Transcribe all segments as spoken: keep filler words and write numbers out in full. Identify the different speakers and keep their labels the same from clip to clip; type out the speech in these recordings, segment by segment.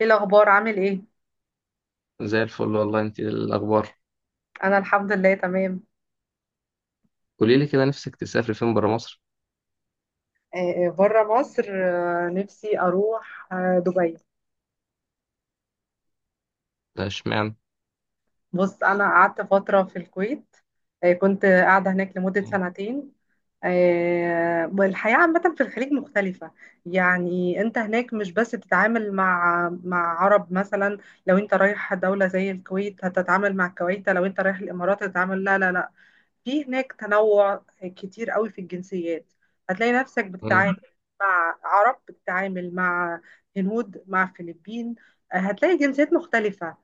Speaker 1: ايه الاخبار، عامل ايه؟
Speaker 2: زي الفل والله، انت إيه الاخبار؟
Speaker 1: انا الحمد لله تمام.
Speaker 2: قولي لي كده، نفسك تسافر فين برا مصر؟
Speaker 1: آه، بره مصر. آه، نفسي اروح آه، دبي.
Speaker 2: ده اشمعنى؟
Speaker 1: بص، انا قعدت فتره في الكويت. آه، كنت قاعده هناك لمده
Speaker 2: مم.
Speaker 1: سنتين. آه، والحياه عامه في الخليج مختلفه. يعني انت هناك مش بس بتتعامل مع مع عرب مثلا. لو انت رايح دوله زي الكويت هتتعامل مع الكويت، لو انت رايح الامارات هتتعامل. لا، لا، لا. في هناك تنوع كتير قوي في الجنسيات. هتلاقي نفسك
Speaker 2: امم.
Speaker 1: بتتعامل مع عرب، بتتعامل مع هنود، مع فلبين. هتلاقي جنسيات مختلفة.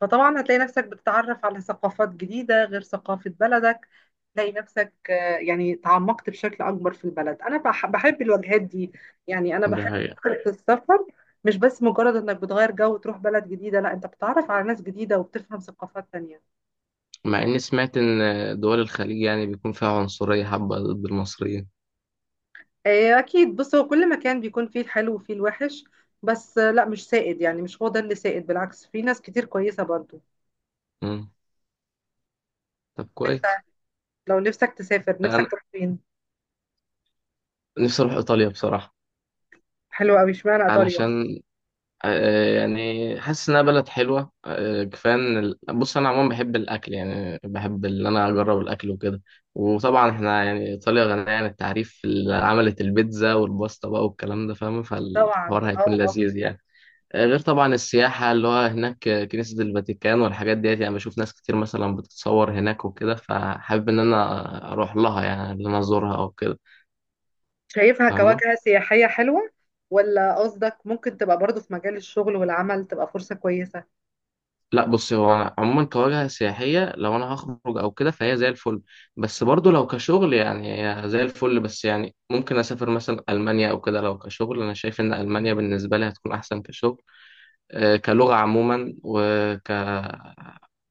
Speaker 1: فطبعا هتلاقي نفسك بتتعرف على ثقافات جديدة غير ثقافة بلدك. تلاقي نفسك آه، يعني تعمقت بشكل أكبر في البلد. أنا بح- بحب الوجهات دي، يعني أنا
Speaker 2: ده
Speaker 1: بحب
Speaker 2: حقيقة.
Speaker 1: فكرة السفر. مش بس مجرد إنك بتغير جو وتروح بلد جديدة، لا، أنت بتتعرف على ناس جديدة وبتفهم ثقافات تانية.
Speaker 2: مع اني سمعت ان دول الخليج يعني بيكون فيها عنصرية حبة ضد المصريين.
Speaker 1: آه، اكيد. بص، هو كل مكان بيكون فيه الحلو وفيه الوحش. بس آه، لا، مش سائد، يعني مش هو ده اللي سائد، بالعكس في ناس كتير كويسة برضو.
Speaker 2: امم. طب
Speaker 1: انت،
Speaker 2: كويس.
Speaker 1: لو نفسك تسافر نفسك
Speaker 2: انا
Speaker 1: تروح فين؟
Speaker 2: نفسي اروح ايطاليا بصراحة.
Speaker 1: حلو قوي، اشمعنى ايطاليا؟
Speaker 2: علشان آه، يعني حاسس انها بلد حلوه، آه، كفايه ان ال- بص انا عموما بحب الاكل، يعني بحب ان انا اجرب الاكل وكده. وطبعا احنا يعني ايطاليا غنيه عن التعريف، اللي عملت البيتزا والباستا بقى والكلام ده، فاهم؟
Speaker 1: طبعا،
Speaker 2: فالحوار هيكون
Speaker 1: اه، اه.
Speaker 2: لذيذ يعني. آه، غير طبعا السياحه اللي هو هناك، آه، كنيسه الفاتيكان والحاجات ديت، يعني بشوف ناس كتير مثلا بتتصور هناك وكده، فحابب ان انا اروح لها يعني، ان انا ازورها او كده.
Speaker 1: شايفها
Speaker 2: فاهمه.
Speaker 1: كواجهة سياحية حلوة، ولا قصدك ممكن تبقى برضو في مجال الشغل والعمل تبقى فرصة كويسة؟
Speaker 2: لا، بص هو أنا عموما كوجهة سياحية لو أنا هخرج أو كده فهي زي الفل. بس برضو لو كشغل يعني هي زي الفل، بس يعني ممكن أسافر مثلا ألمانيا أو كده، لو كشغل أنا شايف إن ألمانيا بالنسبة لي هتكون أحسن كشغل. آه، كلغة عموما، وك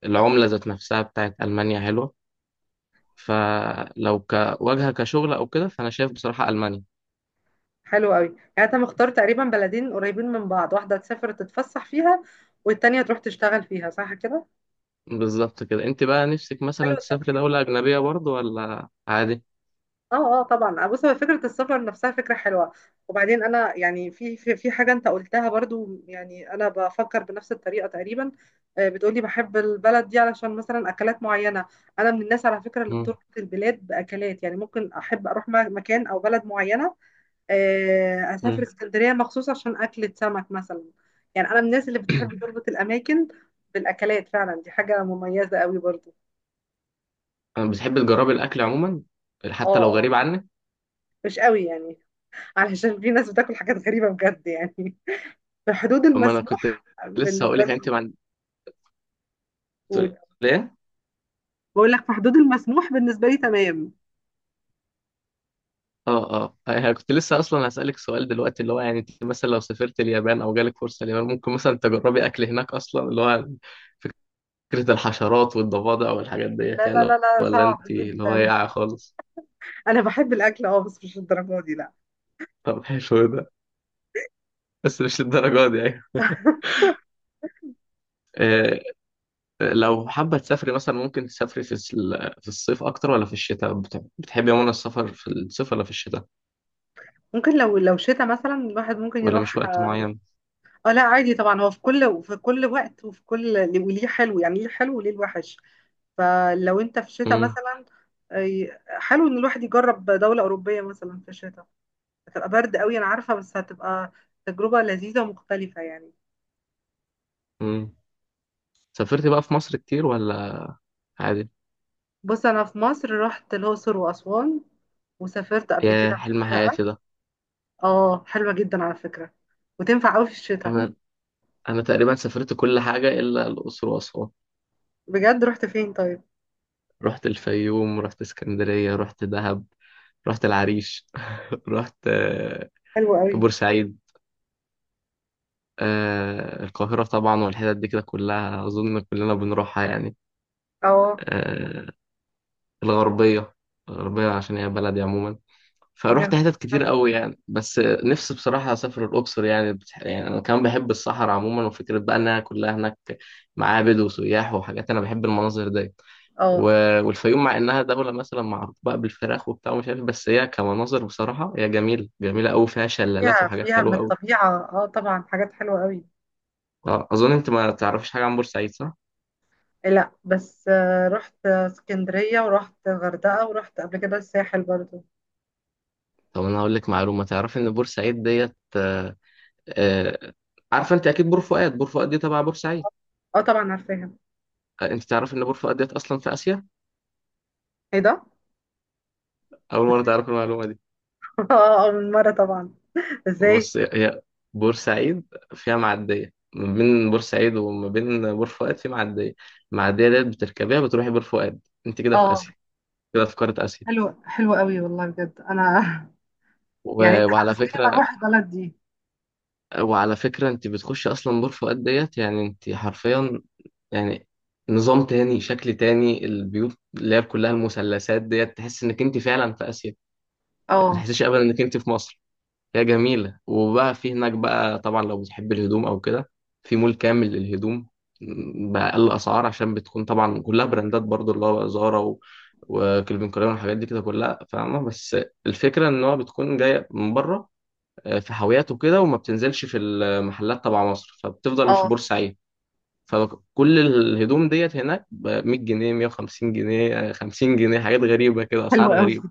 Speaker 2: العملة ذات نفسها بتاعت ألمانيا حلوة. فلو كواجهة كشغل أو كده، فأنا شايف بصراحة ألمانيا.
Speaker 1: حلو قوي، يعني انت مختار تقريبا بلدين قريبين من بعض، واحدة تسافر تتفسح فيها والتانية تروح تشتغل فيها، صح كده؟
Speaker 2: بالظبط كده. أنت بقى نفسك
Speaker 1: حلو
Speaker 2: مثلا تسافر
Speaker 1: التخطيط.
Speaker 2: دولة أجنبية برضو ولا عادي؟
Speaker 1: اه، اه، طبعا. آه، بص، هو فكره السفر نفسها فكره حلوه. وبعدين انا يعني في في, في حاجه انت قلتها برضو، يعني انا بفكر بنفس الطريقه تقريبا. آه، بتقولي بحب البلد دي علشان مثلا اكلات معينه. انا من الناس على فكره اللي
Speaker 2: مم.
Speaker 1: بتربط البلاد باكلات، يعني ممكن احب اروح م- مكان او بلد معينه. آه، اسافر اسكندريه مخصوص عشان اكله سمك مثلا. يعني انا من الناس اللي بتحب تربط الاماكن بالاكلات، فعلا دي حاجه مميزه قوي برضو.
Speaker 2: أنا بتحب تجربي الاكل عموما
Speaker 1: اه،
Speaker 2: حتى لو
Speaker 1: اه،
Speaker 2: غريب عنك؟
Speaker 1: مش قوي يعني، علشان في ناس بتاكل حاجات غريبة بجد يعني. في حدود
Speaker 2: اما انا كنت
Speaker 1: المسموح
Speaker 2: لسه هقول
Speaker 1: بالنسبة
Speaker 2: لك انت
Speaker 1: لي.
Speaker 2: ما عند- تقول
Speaker 1: موجود.
Speaker 2: لي إيه؟
Speaker 1: بقول لك في حدود المسموح بالنسبة لي تمام.
Speaker 2: اه، اه، انا كنت لسه اصلا هسالك سؤال دلوقتي، اللي هو يعني انت مثلا لو سافرت اليابان او جالك فرصه اليابان، ممكن مثلا تجربي اكل هناك، اصلا اللي هو فكره الحشرات والضفادع والحاجات ديت
Speaker 1: لا، لا،
Speaker 2: يعني؟
Speaker 1: لا، لا،
Speaker 2: ولا
Speaker 1: صعب
Speaker 2: انت اللي هو
Speaker 1: جدا.
Speaker 2: يقع خالص؟
Speaker 1: انا بحب الاكل، اه، بس مش الدرجة دي، لا.
Speaker 2: طب حلو ده. بس مش للدرجه دي يعني. آه. لو حابه تسافري مثلا، ممكن تسافري في الس- في الصيف اكتر ولا في الشتاء؟ بت- بتحبي عموما السفر في الصيف ولا في الشتاء؟
Speaker 1: ممكن لو لو شتاء مثلا الواحد ممكن
Speaker 2: ولا مش
Speaker 1: يروح،
Speaker 2: وقت
Speaker 1: اه.
Speaker 2: معين؟
Speaker 1: آه، لا، عادي طبعا، هو في كل في كل وقت، وفي كل وليه حلو، يعني ليه حلو وليه الوحش. فلو انت في شتاء
Speaker 2: امم.
Speaker 1: مثلا، أي- حلو ان الواحد يجرب دولة أوروبية مثلا في الشتاء. هتبقى برد قوي، انا عارفة، بس هتبقى تجربة لذيذة ومختلفة يعني.
Speaker 2: امم. سافرت بقى في مصر كتير ولا عادي؟
Speaker 1: بص، انا في مصر رحت الاقصر واسوان، وسافرت قبل
Speaker 2: يا
Speaker 1: كده
Speaker 2: حلم
Speaker 1: الغردقه.
Speaker 2: حياتي ده.
Speaker 1: اه، حلوه جدا على فكره وتنفع قوي في الشتاء.
Speaker 2: انا انا تقريبا سافرت كل حاجه الا الاقصر واسوان.
Speaker 1: بجد رحت فين طيب؟
Speaker 2: رحت الفيوم، رحت اسكندريه، رحت دهب، رحت العريش، رحت آه،
Speaker 1: حلوه قوي.
Speaker 2: بورسعيد، آه، القاهره طبعا، والحتت دي كده كلها اظن كلنا بنروحها يعني.
Speaker 1: اه،
Speaker 2: آه، الغربيه، الغربيه عشان هي بلدي عموما. فروحت
Speaker 1: جميل
Speaker 2: حتت كتير
Speaker 1: أوي.
Speaker 2: قوي يعني، بس نفسي بصراحة أسافر الأقصر يعني بتح... يعني أنا كمان بحب الصحراء عموما، وفكرة بقى إنها كلها هناك معابد وسياح وحاجات، أنا بحب المناظر دي. و...
Speaker 1: اه،
Speaker 2: والفيوم مع إنها دولة مثلا معروفة بقى بالفراخ وبتاع ومش عارف، بس هي كمناظر بصراحة هي جميلة جميلة قوي، فيها شلالات
Speaker 1: فيها
Speaker 2: وحاجات
Speaker 1: فيها من
Speaker 2: حلوة قوي.
Speaker 1: الطبيعه، اه، طبعا حاجات حلوه قوي.
Speaker 2: آه، أظن أنت ما تعرفش حاجة عن بورسعيد، صح؟
Speaker 1: لا بس آه، رحت اسكندريه ورحت غردقه ورحت قبل كده الساحل برضو.
Speaker 2: طب أنا هقول لك معلومة. تعرف إن بورسعيد ديت آه، آه، عارفة أنت أكيد بور فؤاد؟ بور فؤاد دي تبع بورسعيد.
Speaker 1: اه، طبعا عارفاها.
Speaker 2: آه، أنت تعرف إن بور فؤاد ديت أصلا في آسيا؟
Speaker 1: ايه ده؟
Speaker 2: أول مرة تعرف المعلومة دي؟
Speaker 1: اه، آه، من مره طبعا. ازاي؟
Speaker 2: بص، هي هي بورسعيد فيها معدية ما بين بورسعيد وما بين بور فؤاد، في معدية. المعدية ديت بتركبيها بتروحي بور فؤاد. أنت كده في
Speaker 1: اه،
Speaker 2: آسيا. كده في قارة آسيا.
Speaker 1: حلو، حلو قوي والله، بجد انا يعني
Speaker 2: و...
Speaker 1: انت
Speaker 2: وعلى
Speaker 1: حمستني ما
Speaker 2: فكرة
Speaker 1: اروح البلد دي.
Speaker 2: وعلى فكرة أنت بتخشي أصلا بور فؤاد ديت يعني، أنت حرفيا يعني نظام تاني، شكل تاني، البيوت اللي هي كلها المثلثات ديت، تحس إنك أنت فعلا في آسيا. ما
Speaker 1: اه،
Speaker 2: تحسيش أبدا إنك أنت في مصر. هي جميلة. وبقى في هناك بقى طبعا لو بتحب الهدوم أو كده، في مول كامل للهدوم، م، بأقل أسعار، عشان بتكون طبعا كلها براندات برضو اللي هو زارا و... وكلفن كلاين والحاجات دي كده كلها، فاهمة؟ بس الفكرة إن هو بتكون جاية من بره، آه، في حاويات وكده، وما بتنزلش في المحلات تبع مصر، فبتفضل في
Speaker 1: اه،
Speaker 2: بورسعيد. فكل الهدوم ديت هناك ب مية جنيه، مية وخمسين جنيه، آه، خمسين جنيه، حاجات غريبة كده،
Speaker 1: حلو
Speaker 2: أسعار
Speaker 1: قوي
Speaker 2: غريبة.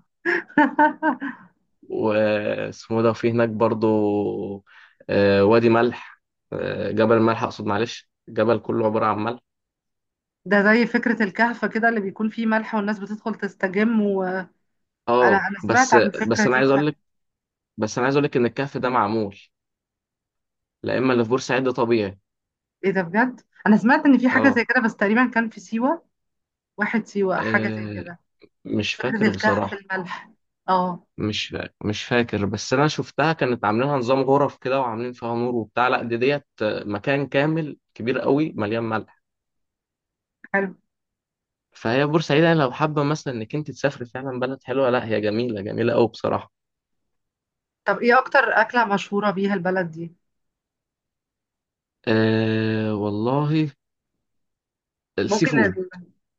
Speaker 2: واسمه ده، وفي هناك برضو آه، وادي ملح، آه، جبل ملح اقصد، معلش. الجبل كله عبارة عن ملح.
Speaker 1: ده زي فكرة الكهف كده، اللي بيكون فيه ملح والناس بتدخل تستجم، وانا انا
Speaker 2: اه.
Speaker 1: أنا سمعت
Speaker 2: بس
Speaker 1: عن الفكرة
Speaker 2: بس انا
Speaker 1: دي
Speaker 2: عايز
Speaker 1: في
Speaker 2: اقول
Speaker 1: مكان.
Speaker 2: لك بس انا عايز اقول لك ان الكهف ده معمول، لا اما اللي في بورسعيد ده طبيعي.
Speaker 1: ايه ده بجد؟ انا سمعت ان في حاجة زي
Speaker 2: اه.
Speaker 1: كده بس تقريبا كان في سيوة. واحد سيوة، حاجة زي
Speaker 2: آه،
Speaker 1: كده.
Speaker 2: مش
Speaker 1: فكرة
Speaker 2: فاكر
Speaker 1: الكهف
Speaker 2: بصراحة.
Speaker 1: الملح. اه،
Speaker 2: مش فا- مش فاكر، بس انا شفتها كانت عاملينها نظام غرف كده، وعاملين فيها نور وبتاع، لا دي ديت آه، مكان كامل كبير قوي مليان ملح.
Speaker 1: حلو.
Speaker 2: فهي بورسعيد يعني، لو حابة مثلا انك انت تسافري، فعلا بلد حلوة، لا هي جميلة جميلة قوي بصراحة.
Speaker 1: طب ايه اكتر اكلة مشهورة بيها البلد دي؟
Speaker 2: أه والله، السي
Speaker 1: ممكن
Speaker 2: فود.
Speaker 1: ال-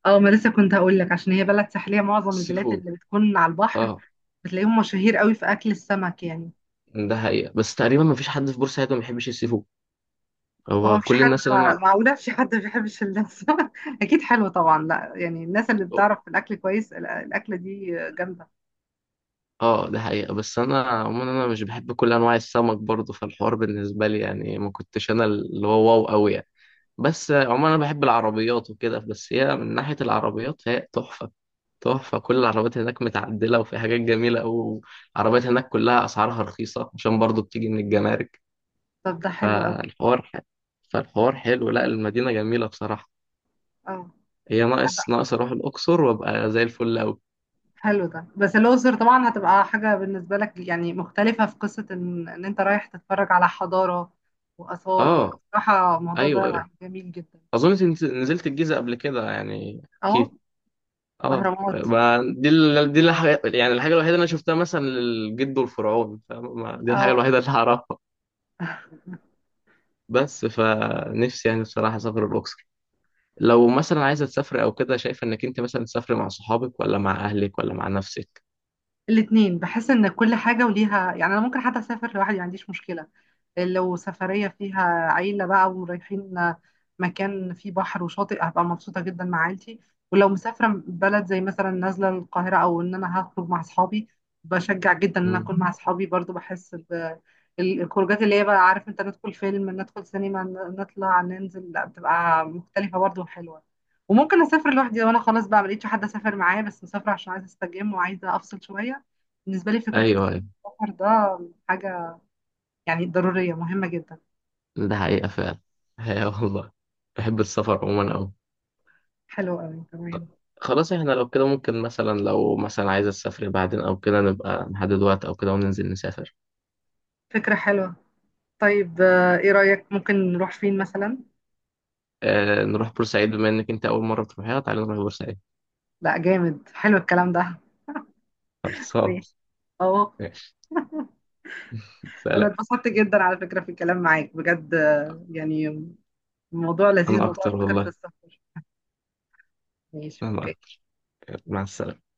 Speaker 1: اه، ما لسه كنت هقول لك، عشان هي بلد ساحلية، معظم
Speaker 2: السي
Speaker 1: البلاد
Speaker 2: فود.
Speaker 1: اللي بتكون على البحر
Speaker 2: اه،
Speaker 1: بتلاقيهم مشاهير قوي في اكل السمك يعني.
Speaker 2: ده حقيقة، بس تقريبا ما فيش حد في بورسعيد ما بيحبش السي فود.
Speaker 1: هو
Speaker 2: هو
Speaker 1: مفيش
Speaker 2: كل
Speaker 1: حد؟
Speaker 2: الناس اللي انا.
Speaker 1: معقولة مفيش حد ما بيحبش اللسة؟ أكيد حلو طبعا، لا يعني الناس اللي بتعرف في الأكل كويس، الأ- الأكلة دي جامدة.
Speaker 2: اه، ده حقيقة، بس انا عموما انا مش بحب كل انواع السمك برضه، فالحوار بالنسبة لي يعني ما كنتش انا اللي هو واو قوي يعني. بس آه، عموما انا بحب العربيات وكده، بس هي من ناحية العربيات هي تحفة. تحفة. كل العربيات هناك متعدلة وفي حاجات جميلة قوي. العربيات هناك كلها اسعارها رخيصة عشان برضه بتيجي من الجمارك.
Speaker 1: طب ده حلو أوي.
Speaker 2: فالحوار ح... فالحوار حلو، لا المدينة جميلة بصراحة.
Speaker 1: اه،
Speaker 2: هي
Speaker 1: حلو.
Speaker 2: ناقص ناقص أروح الأقصر وأبقى زي الفل أوي.
Speaker 1: حلو ده، بس الأقصر طبعا هتبقى حاجة بالنسبة لك يعني مختلفة، في قصة إن, إن أنت رايح تتفرج على حضارة وآثار،
Speaker 2: آه.
Speaker 1: بصراحة الموضوع
Speaker 2: أيوه،
Speaker 1: ده
Speaker 2: أيوه.
Speaker 1: جميل جدا.
Speaker 2: أظن أنت نزلت الجيزة قبل كده يعني،
Speaker 1: اه،
Speaker 2: أكيد. آه.
Speaker 1: أهرامات.
Speaker 2: ما دي ال... دي الحاجة يعني الحاجة الوحيدة اللي أنا شفتها مثلا، للجد والفرعون، فما دي الحاجة
Speaker 1: اه
Speaker 2: الوحيدة اللي هعرفها. بس فنفسي يعني بصراحة أسافر الأقصر. لو مثلا عايزة تسافر أو كده، شايفة إنك أنت مثلا تسافر مع صحابك ولا مع أهلك ولا مع نفسك؟
Speaker 1: الاتنين، بحس ان كل حاجة وليها، يعني انا ممكن حتى اسافر لوحدي، ما عنديش مشكلة. لو سفرية فيها عيلة بقى ورايحين مكان فيه بحر وشاطئ، هبقى مبسوطة جدا مع عيلتي. ولو مسافرة بلد زي مثلا نازلة القاهرة، او ان انا هخرج مع اصحابي، بشجع جدا ان انا
Speaker 2: مم.
Speaker 1: اكون مع اصحابي برضو، بحس ب ال- الخروجات اللي هي بقى، عارف انت، ندخل فيلم، ندخل سينما، ن- نطلع ننزل، لا بتبقى مختلفة برضو وحلوة. وممكن اسافر لوحدي لو انا خلاص بقى ملقتش حد اسافر معايا، بس مسافرة عشان عايزة استجم وعايزة افصل شوية. بالنسبة لي فكرة
Speaker 2: أيوه، أيوه.
Speaker 1: السفر ده حاجة يعني ضرورية مهمة جدا.
Speaker 2: ده حقيقة فعلا. هي والله، بحب السفر عموما أوي.
Speaker 1: حلوة قوي تمام.
Speaker 2: خلاص احنا لو كده، ممكن مثلا لو مثلا عايز أسافر بعدين أو كده، نبقى نحدد وقت أو كده وننزل نسافر.
Speaker 1: فكرة حلوة. طيب آه، ايه رأيك ممكن نروح فين مثلا؟
Speaker 2: آه، نروح بورسعيد، بما إنك أنت أول مرة تروحيها، تعالى نروح بورسعيد.
Speaker 1: لا، جامد، حلو الكلام ده.
Speaker 2: خلصان.
Speaker 1: ماشي، اه.
Speaker 2: ماشي.
Speaker 1: انا
Speaker 2: سلام.
Speaker 1: اتبسطت جدا على فكرة في الكلام معاك بجد، آه، يعني موضوع لذيذ،
Speaker 2: أنا
Speaker 1: موضوع
Speaker 2: أكتر
Speaker 1: فكرة
Speaker 2: والله.
Speaker 1: السفر. ماشي،
Speaker 2: أنا
Speaker 1: اوكي.
Speaker 2: أكتر. مع السلامة.